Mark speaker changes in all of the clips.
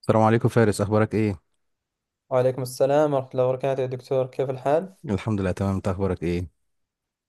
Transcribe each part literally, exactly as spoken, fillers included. Speaker 1: السلام عليكم فارس، اخبارك ايه؟
Speaker 2: وعليكم السلام ورحمة الله وبركاته يا دكتور، كيف الحال؟
Speaker 1: الحمد لله، تمام. انت اخبارك ايه؟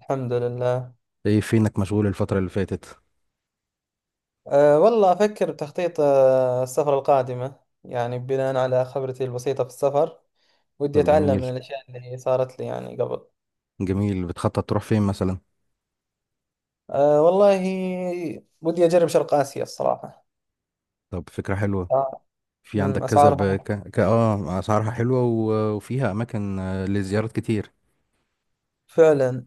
Speaker 2: الحمد لله.
Speaker 1: ايه، فينك مشغول الفترة اللي فاتت؟
Speaker 2: أه والله أفكر بتخطيط أه السفر القادمة. يعني بناء على خبرتي البسيطة في السفر، ودي
Speaker 1: طب
Speaker 2: أتعلم
Speaker 1: جميل.
Speaker 2: من الأشياء اللي صارت لي يعني قبل.
Speaker 1: جميل، بتخطط تروح فين مثلا؟
Speaker 2: أه والله ودي أجرب شرق آسيا الصراحة.
Speaker 1: طب، فكرة حلوة.
Speaker 2: آه.
Speaker 1: في
Speaker 2: أمم،
Speaker 1: عندك كذا ب...
Speaker 2: أسعارها
Speaker 1: ك... ك... اه اسعارها حلوة و... وفيها اماكن آه، لزيارات كتير.
Speaker 2: فعلا.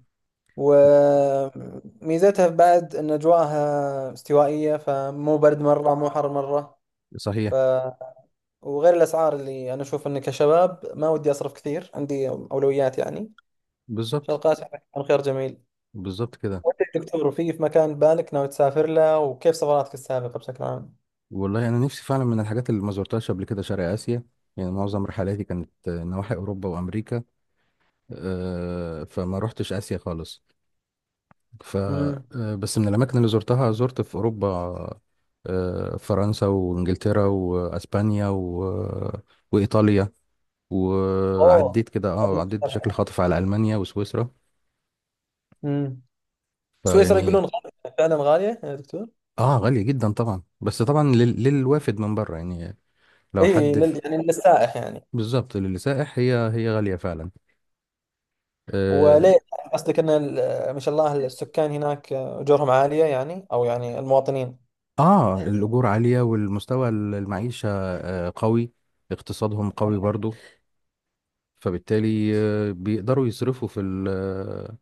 Speaker 2: وميزتها بعد أن أجواءها استوائية، فمو برد مرة مو حر مرة.
Speaker 1: صحيح.
Speaker 2: وغير الاسعار اللي انا اشوف اني كشباب ما ودي اصرف كثير، عندي اولويات يعني.
Speaker 1: بالظبط.
Speaker 2: شرقات كان خيار جميل.
Speaker 1: بالظبط كده.
Speaker 2: وانت يا دكتور، وفي في مكان بالك ناوي تسافر له، وكيف سفراتك السابقه بشكل عام؟
Speaker 1: والله انا نفسي فعلا من الحاجات اللي ما زرتهاش قبل كده شرق اسيا. يعني معظم رحلاتي كانت آه، نواحي اوروبا وامريكا. آه، فما روحتش اسيا خالص. ف
Speaker 2: امم.
Speaker 1: آه، بس من الاماكن اللي زرتها زرت في اوروبا آه، فرنسا وانجلترا واسبانيا و... وايطاليا.
Speaker 2: اوه،
Speaker 1: وعديت كده،
Speaker 2: هذه
Speaker 1: اه عديت بشكل
Speaker 2: مشتركة.
Speaker 1: خاطف على المانيا وسويسرا.
Speaker 2: امم سويسرا
Speaker 1: فيعني،
Speaker 2: يقولون غالية، فعلا غاليه يا دكتور؟
Speaker 1: اه غالية جدا طبعا. بس طبعا لل... للوافد من بره يعني. لو
Speaker 2: اي،
Speaker 1: حد
Speaker 2: لل... يعني للسائح يعني.
Speaker 1: بالظبط، للسائح هي هي غالية فعلا. اه
Speaker 2: وليه، قصدك ان ال- ما شاء الله السكان هناك اجورهم عاليه، يعني او يعني المواطنين.
Speaker 1: آه، الاجور عالية، والمستوى المعيشة آه قوي. اقتصادهم قوي برضو، فبالتالي آه، بيقدروا يصرفوا في ال- آه،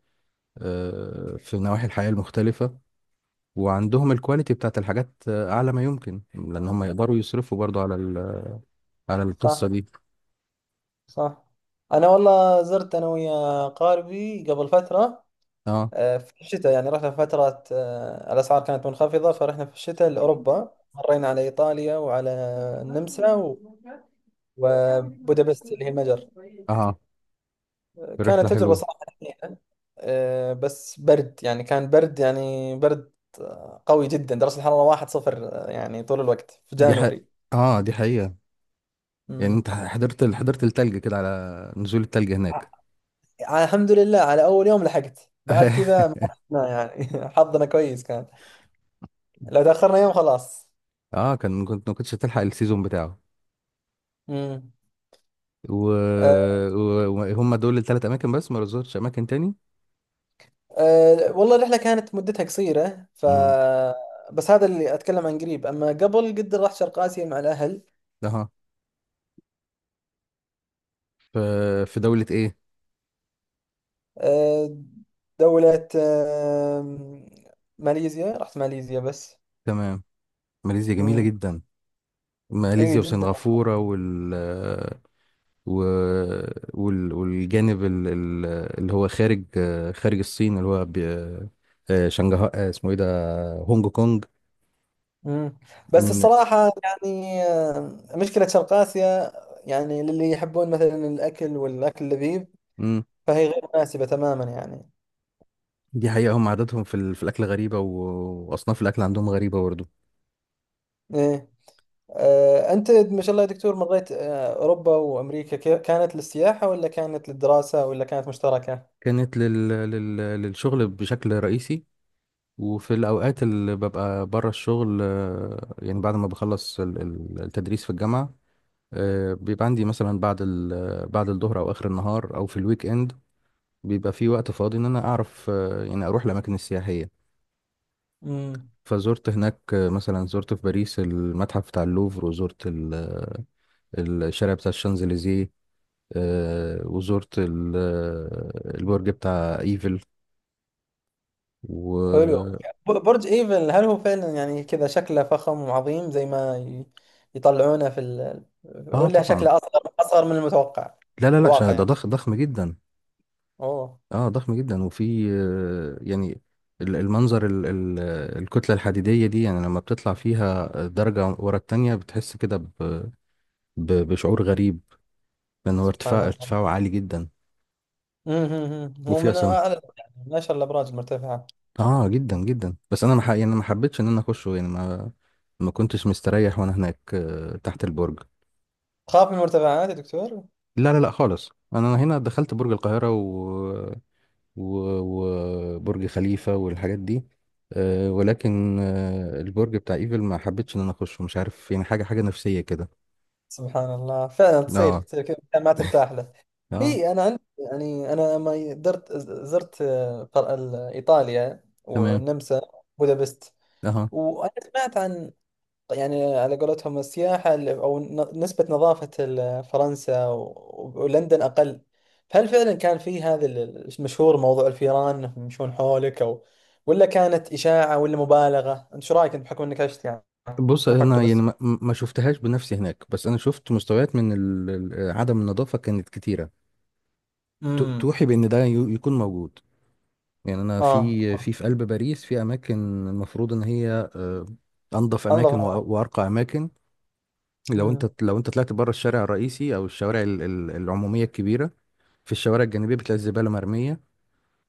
Speaker 1: آه، في نواحي الحياة المختلفة. وعندهم الكواليتي بتاعت الحاجات آه، أعلى ما يمكن، لأن هم يقدروا يصرفوا برضو على ال- على القصة
Speaker 2: صح،
Speaker 1: دي.
Speaker 2: صح. انا والله زرت انا ويا قاربي قبل فتره.
Speaker 1: اه،
Speaker 2: آه، في الشتاء يعني رحنا في فترة، آه، الأسعار كانت منخفضة، فرحنا في الشتاء لأوروبا، مرينا على إيطاليا وعلى النمسا و- وبودابست اللي هي المجر.
Speaker 1: اه، رحلة
Speaker 2: كانت تجربة
Speaker 1: حلوة.
Speaker 2: صراحة حزينة. آه، بس برد يعني، كان برد يعني برد آه، قوي جدا. درجة الحرارة واحد صفر آه، يعني طول الوقت في
Speaker 1: دي ح...
Speaker 2: جانوري.
Speaker 1: اه دي حقيقة. يعني
Speaker 2: مم.
Speaker 1: انت حضرت حضرت التلج كده، على نزول التلج هناك.
Speaker 2: ع- الحمد لله على أول يوم لحقت، بعد كذا ما رحنا يعني حظنا كويس كان. لو تأخرنا يوم خلاص.
Speaker 1: اه، كان كنت ما كنتش هتلحق السيزون بتاعه.
Speaker 2: مم. آه.
Speaker 1: وهم و... و- وهم دول الثلاث اماكن، بس ما رزقتش اماكن تاني.
Speaker 2: أه والله الرحلة كانت مدتها قصيرة ف
Speaker 1: امم
Speaker 2: بس هذا اللي أتكلم عن قريب. أما قبل قد رحت شرق آسيا مع الأهل.
Speaker 1: في في دولة ايه؟
Speaker 2: أه دولة أه ماليزيا، رحت ماليزيا بس.
Speaker 1: تمام. ماليزيا جميلة
Speaker 2: امم.
Speaker 1: جدا.
Speaker 2: أي
Speaker 1: ماليزيا
Speaker 2: جدا.
Speaker 1: وسنغافورة، وال و... وال... والجانب ال... ال- اللي هو خارج خارج الصين اللي هو ب... آه، شنغهاي، آه، اسمه ايه ده؟ هونج كونج.
Speaker 2: امم بس
Speaker 1: من...
Speaker 2: الصراحة يعني، آه، مشكلة شرق آسيا يعني للي يحبون مثلا الأكل والأكل اللذيذ
Speaker 1: مم.
Speaker 2: فهي غير مناسبة تماما يعني.
Speaker 1: دي حقيقة. هم عاداتهم في, ال... في الأكل غريبة و... وأصناف الأكل عندهم غريبة برضه.
Speaker 2: إيه. آه، أنت ما شاء الله يا دكتور، مريت آه، أوروبا وأمريكا، كي- كانت للسياحة ولا كانت للدراسة ولا كانت مشتركة؟
Speaker 1: كانت لل... لل... للشغل بشكل رئيسي. وفي الأوقات اللي ببقى بره الشغل، آه، يعني بعد ما بخلص ال- ال- التدريس في الجامعة، آه، بيبقى عندي مثلا بعد ال بعد الظهر او اخر النهار او في الويك اند. بيبقى في وقت فاضي ان انا اعرف آه، يعني اروح الاماكن السياحيه.
Speaker 2: امم.
Speaker 1: فزرت هناك آه، مثلا، زرت في باريس المتحف بتاع اللوفر، وزرت ال- آه، الشارع بتاع الشانزليزيه، آه، وزرت ال- آه، البرج بتاع ايفل.
Speaker 2: حلو.
Speaker 1: و
Speaker 2: ب- برج إيفل هل هو فعلا يعني كذا شكله فخم وعظيم زي ما ي- يطلعونه في ال...
Speaker 1: اه
Speaker 2: ولا
Speaker 1: طبعا.
Speaker 2: شكله أصغر، أصغر من المتوقع
Speaker 1: لا،
Speaker 2: في
Speaker 1: لا، لا، ش-
Speaker 2: الواقع
Speaker 1: ده
Speaker 2: يعني؟
Speaker 1: ضخم ضخم جدا.
Speaker 2: أوه،
Speaker 1: اه، ضخم جدا. وفي آه، يعني ال- المنظر ال- ال- الكتلة الحديدية دي، يعني لما بتطلع فيها درجة ورا التانية بتحس كده ب- ب- بشعور غريب. لأن هو
Speaker 2: سبحان
Speaker 1: ارتفاع
Speaker 2: الله.
Speaker 1: ارتفاعه عالي جدا.
Speaker 2: مم، مم، مم. هو
Speaker 1: وفي
Speaker 2: من
Speaker 1: أصلا.
Speaker 2: أعلى يعني من أشهر الأبراج المرتفعة.
Speaker 1: اه، جدا جدا، بس أنا ما ح- يعني ما حبيتش إن أنا أخشه. يعني ما ما كنتش مستريح، وأنا هناك آه، تحت البرج.
Speaker 2: تخاف من المرتفعات يا دكتور؟
Speaker 1: لا، لا، لا، خالص. انا هنا دخلت برج القاهرة و و- وبرج خليفة والحاجات دي، آه، ولكن آه، البرج بتاع ايفل ما حبيتش ان انا اخشه، مش عارف يعني، حاجة حاجة نفسية كده.
Speaker 2: سبحان الله، فعلا تصير
Speaker 1: اه،
Speaker 2: تصير كذا مكان ما ترتاح له.
Speaker 1: اه،
Speaker 2: هي انا عندي يعني، انا لما درت زرت آه، قر- ال- ايطاليا
Speaker 1: تمام،
Speaker 2: والنمسا، بودابست.
Speaker 1: اه.
Speaker 2: وانا سمعت عن، يعني على قولتهم السياحه ال- او ن- نسبه نظافه ال- فرنسا و- ولندن اقل. فهل فعلا كان في هذا ال- المشهور موضوع الفيران انهم يمشون حولك او ولا كانت اشاعه ولا مبالغه؟ انت شو رايك، انت بحكم انك عشت يعني.
Speaker 1: بص،
Speaker 2: مو حتى
Speaker 1: انا يعني
Speaker 2: بس.
Speaker 1: ما ما شفتهاش بنفسي هناك، بس انا شفت مستويات من ال- ال- عدم النظافة كانت كتيرة. تو-
Speaker 2: امم.
Speaker 1: توحي بان ده يو- يكون موجود. يعني انا في
Speaker 2: اه.
Speaker 1: في في قلب باريس، في اماكن المفروض ان هي آه، انظف اماكن وأ-
Speaker 2: انظف.
Speaker 1: وارقى اماكن. لو
Speaker 2: مم.
Speaker 1: انت لو انت طلعت بره الشارع الرئيسي، او الشوارع ال- ال- العموميه الكبيره، في الشوارع الجانبيه بتلاقي الزباله مرميه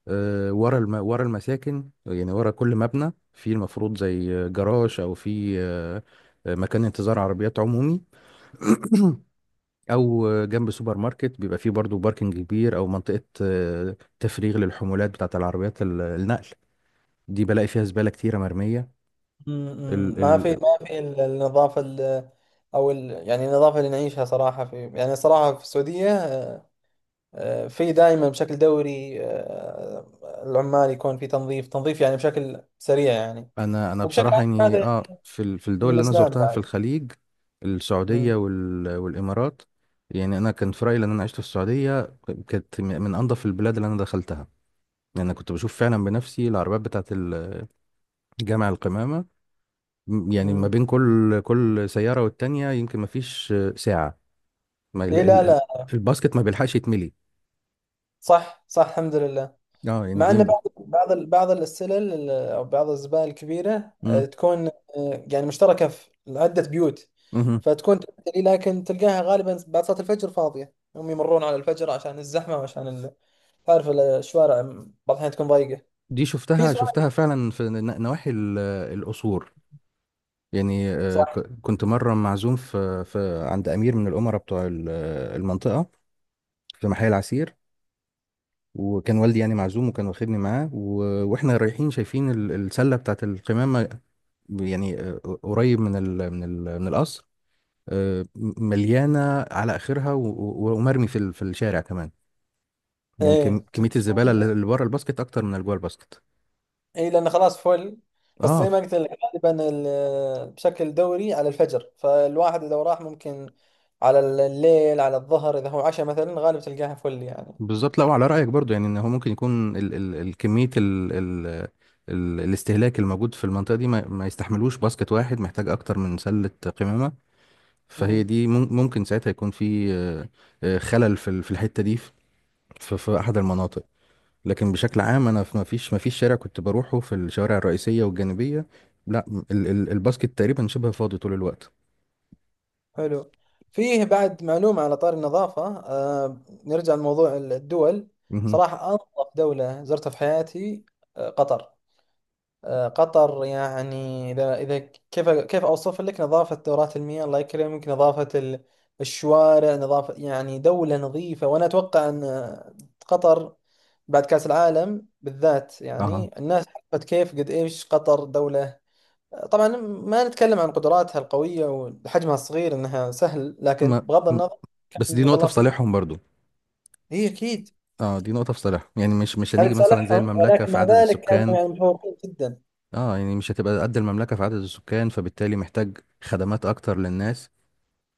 Speaker 1: آه، ورا الم... ورا المساكن. يعني ورا كل مبنى في المفروض زي جراج، او في آه، آه، مكان انتظار عربيات عمومي. او جنب سوبر ماركت بيبقى فيه برضو باركنج كبير، او منطقه آه، تفريغ للحمولات بتاعت العربيات ال- النقل. دي بلاقي فيها زباله كتيره مرميه.
Speaker 2: مم. ما في ما في ال- النظافة ال- أو ال يعني النظافة اللي نعيشها صراحة في، يعني صراحة في السعودية آه، في دائما بشكل دوري. آه، العمال يكون في تنظيف تنظيف يعني بشكل سريع يعني.
Speaker 1: انا انا
Speaker 2: وبشكل
Speaker 1: بصراحه
Speaker 2: عام
Speaker 1: يعني،
Speaker 2: هذا
Speaker 1: اه في ال- في الدول
Speaker 2: من
Speaker 1: اللي انا
Speaker 2: الإسلام
Speaker 1: زرتها في
Speaker 2: بعد.
Speaker 1: الخليج، السعوديه
Speaker 2: مم.
Speaker 1: وال والامارات، يعني انا كان في رايي، لان انا عشت في السعوديه، كانت م- من انظف البلاد اللي انا دخلتها. يعني انا كنت بشوف فعلا بنفسي العربيات بتاعه الجامع القمامه، م- يعني ما
Speaker 2: مم.
Speaker 1: بين كل كل سياره والتانيه يمكن ما فيش آه، ساعه. ما ال
Speaker 2: إي، لا،
Speaker 1: ال ال-
Speaker 2: لا.
Speaker 1: الباسكت ما بيلحقش يتملي.
Speaker 2: صح، صح، الحمد لله.
Speaker 1: اه، يعني
Speaker 2: مع ان
Speaker 1: دي.
Speaker 2: بعض بعض ال- بعض السلل ال- او بعض الزبائن الكبيره آه،
Speaker 1: مم.
Speaker 2: تكون آه، يعني مشتركه في عده بيوت،
Speaker 1: مهم.
Speaker 2: فتكون تمتلي. لكن تلقاها غالبا بعد صلاه الفجر فاضيه. هم يمرون على الفجر عشان الزحمه وعشان ال- تعرف ال- الشوارع بعض الاحيان تكون ضيقه.
Speaker 1: دي
Speaker 2: في
Speaker 1: شفتها
Speaker 2: سؤال.
Speaker 1: شفتها فعلا في ن- نواحي ال- القصور. يعني آه،
Speaker 2: صح.
Speaker 1: ك- كنت مرة معزوم في, في عند أمير من الأمراء بتوع ال- آه، المنطقة في محل العسير. وكان والدي يعني معزوم، وكان واخدني معاه، و- واحنا رايحين شايفين ال- السلة بتاعت القمامة، يعني آه، قريب من ال من ال من القصر. آه، مليانة على آخرها، و- و- ومرمي في ال- في الشارع كمان. يعني كم-
Speaker 2: ايه ت-
Speaker 1: كمية الزبالة
Speaker 2: تكون.
Speaker 1: اللي اللي بره الباسكت أكتر من اللي جوه الباسكت.
Speaker 2: اي، لان خلاص فل. بس زي
Speaker 1: اه،
Speaker 2: ما قلت لك، غالبا ال- بشكل دوري على الفجر. فالواحد اذا راح ممكن على الليل، على الظهر، اذا هو عشاء مثلا غالبا تلقاها فل يعني.
Speaker 1: بالظبط. لا، وعلى رأيك برضو، يعني ان هو ممكن يكون ال ال الكمية ال ال ال الاستهلاك الموجود في المنطقة دي، ما, ما يستحملوش باسكت واحد، محتاج اكتر من سلة قمامة. فهي دي، مم- ممكن ساعتها يكون في آه، آه، خلل في ال- في الحتة دي، في, في في احد المناطق. لكن بشكل عام، انا في ما فيش ما فيش شارع كنت بروحه في الشوارع الرئيسية والجانبية. لا، ال ال الباسكت تقريبا شبه فاضي طول الوقت.
Speaker 2: حلو. فيه بعد معلومة على طار النظافة، آه نرجع لموضوع الدول.
Speaker 1: مهم.
Speaker 2: صراحة أنظف دولة زرتها في حياتي آه قطر. آه قطر، يعني إذا إذا كيف كيف أوصف لك نظافة دورات المياه، الله يكرمك، نظافة ال- الشوارع، نظافة يعني دولة نظيفة. وأنا أتوقع أن آه، قطر بعد كأس العالم بالذات
Speaker 1: اها.
Speaker 2: يعني الناس عرفت كيف قد إيش قطر دولة. طبعا ما نتكلم عن قدراتها القوية وحجمها الصغير انها سهل، لكن
Speaker 1: ما
Speaker 2: بغض
Speaker 1: م-
Speaker 2: النظر كان
Speaker 1: بس دي
Speaker 2: ما شاء
Speaker 1: نقطة
Speaker 2: الله
Speaker 1: في
Speaker 2: فيه.
Speaker 1: صالحهم برضو.
Speaker 2: هي اكيد
Speaker 1: اه، دي نقطة في صالحهم، يعني مش مش
Speaker 2: هذا
Speaker 1: هنيجي مثلا زي
Speaker 2: صالحهم،
Speaker 1: المملكة
Speaker 2: ولكن
Speaker 1: في
Speaker 2: مع
Speaker 1: عدد
Speaker 2: ذلك كانوا
Speaker 1: السكان.
Speaker 2: يعني متفوقين جدا.
Speaker 1: اه، يعني مش هتبقى قد المملكة في عدد السكان، فبالتالي محتاج خدمات أكتر للناس.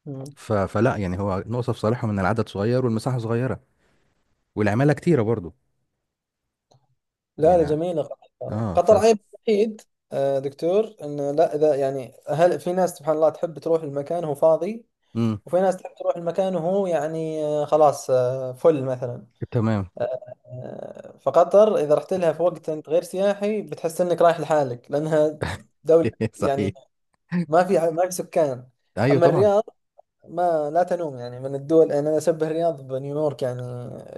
Speaker 2: مم.
Speaker 1: ف... فلا يعني، هو نقطة في صالحهم إن العدد صغير والمساحة صغيرة، والعمالة كتيرة برضو.
Speaker 2: لا، لا،
Speaker 1: يعني.
Speaker 2: جميلة قطر،
Speaker 1: اه ف
Speaker 2: قطر عيب وحيد، آه، دكتور. انه لا اذا يعني هل في ناس سبحان الله تحب تروح المكان وهو فاضي،
Speaker 1: امم
Speaker 2: وفي ناس تحب تروح المكان وهو يعني آه، خلاص آه، فل مثلا.
Speaker 1: تمام.
Speaker 2: آه، فقطر اذا رحت لها في وقت انت غير سياحي بتحس انك رايح لحالك لانها دولة يعني
Speaker 1: صحيح.
Speaker 2: ما في ما في سكان.
Speaker 1: أيوه
Speaker 2: اما
Speaker 1: طبعا.
Speaker 2: الرياض ما لا تنوم، يعني من الدول. يعني انا اشبه الرياض بنيويورك يعني.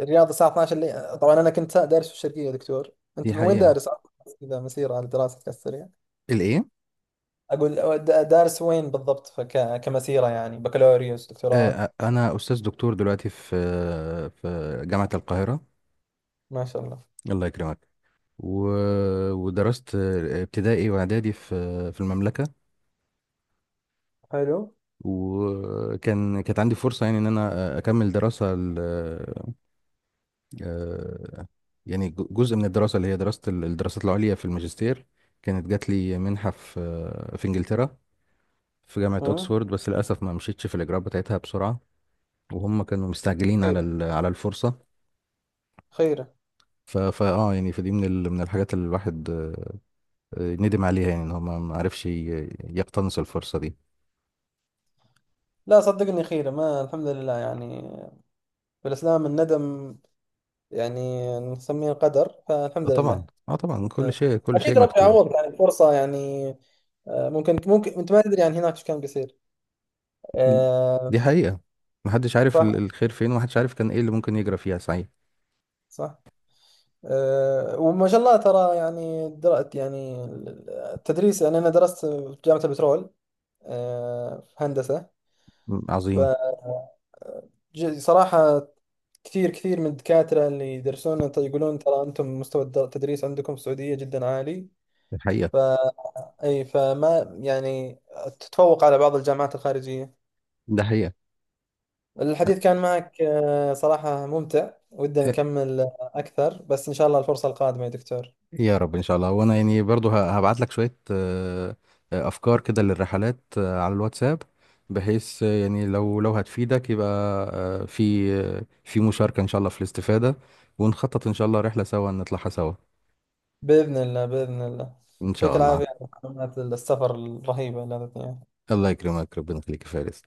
Speaker 2: الرياض الساعه اثنا عشر الليل. طبعا انا كنت دارس في الشرقيه يا دكتور، انت
Speaker 1: دي
Speaker 2: من وين
Speaker 1: حقيقة.
Speaker 2: دارس؟ اذا مسيره على دراستك السريع.
Speaker 1: الإيه؟
Speaker 2: اقول د- دارس وين بالضبط، فك... كمسيره، يعني بكالوريوس،
Speaker 1: آه
Speaker 2: دكتوراه؟
Speaker 1: آه، أنا أستاذ دكتور دلوقتي في في جامعة القاهرة.
Speaker 2: ما شاء الله.
Speaker 1: الله يكرمك. و... ودرست ابتدائي وإعدادي في في المملكة.
Speaker 2: حلو.
Speaker 1: وكان كانت عندي فرصة، يعني ان انا اكمل دراسة ال- آه، يعني ج- جزء من الدراسة اللي هي دراسة ال- الدراسات العليا في الماجستير. كانت جات لي منحة في في انجلترا، في جامعة
Speaker 2: امم.
Speaker 1: اوكسفورد. بس للاسف ما مشيتش في الاجراءات بتاعتها بسرعة، وهم كانوا مستعجلين على
Speaker 2: خيره،
Speaker 1: ال- على الفرصة.
Speaker 2: خيره.
Speaker 1: ف فا اه يعني، فدي من ال- من الحاجات اللي الواحد آه، آه، ندم عليها. يعني ان هو ما ما عرفش ي- يقتنص الفرصة دي.
Speaker 2: لا صدقني، خيره، ما الحمد لله يعني. في الاسلام الندم يعني نسميه القدر،
Speaker 1: آه،
Speaker 2: فالحمد لله.
Speaker 1: طبعا. اه طبعا، كل
Speaker 2: إيه.
Speaker 1: شيء كل
Speaker 2: اكيد
Speaker 1: شيء
Speaker 2: ربي
Speaker 1: مكتوب.
Speaker 2: يعوض يعني فرصه يعني. آه، ممكن ممكن انت ما تدري عن هناك ايش كان بيصير.
Speaker 1: دي
Speaker 2: آه،
Speaker 1: حقيقة. محدش عارف ال-
Speaker 2: صح،
Speaker 1: الخير فين، ومحدش عارف كان ايه اللي ممكن يجرى فيها. صحيح.
Speaker 2: صح. آه، وما شاء الله ترى يعني درأت يعني التدريس. يعني انا درست في جامعة البترول آه، في هندسة.
Speaker 1: م- عظيم.
Speaker 2: فصراحة كثير كثير من الدكاترة اللي يدرسون ت- يقولون ترى انتم مستوى الد- التدريس عندكم في السعودية جدا عالي.
Speaker 1: دي
Speaker 2: ف
Speaker 1: حقيقة.
Speaker 2: اي فما يعني تتفوق على بعض الجامعات الخارجية.
Speaker 1: ده حقيقة.
Speaker 2: الحديث كان معك آه، صراحة ممتع، ودنا
Speaker 1: إيه،
Speaker 2: نكمل آه، أكثر، بس إن شاء الله الفرصة القادمة يا دكتور.
Speaker 1: يا رب، ان شاء الله. وانا يعني برضو هبعت لك شوية آه، آه، افكار كده للرحلات آه، على الواتساب. بحيث آه، يعني لو لو هتفيدك، يبقى آه، في آه، في مشاركة ان شاء الله في الاستفادة. ونخطط ان شاء الله رحلة سوا، نطلعها سوا.
Speaker 2: بإذن الله، بإذن الله.
Speaker 1: ان
Speaker 2: يعطيك
Speaker 1: شاء الله.
Speaker 2: العافية على معلومات السفر الرهيبة اللي أعطيتني إياها.
Speaker 1: الله يكرمك. ربنا يخليك يا فارس.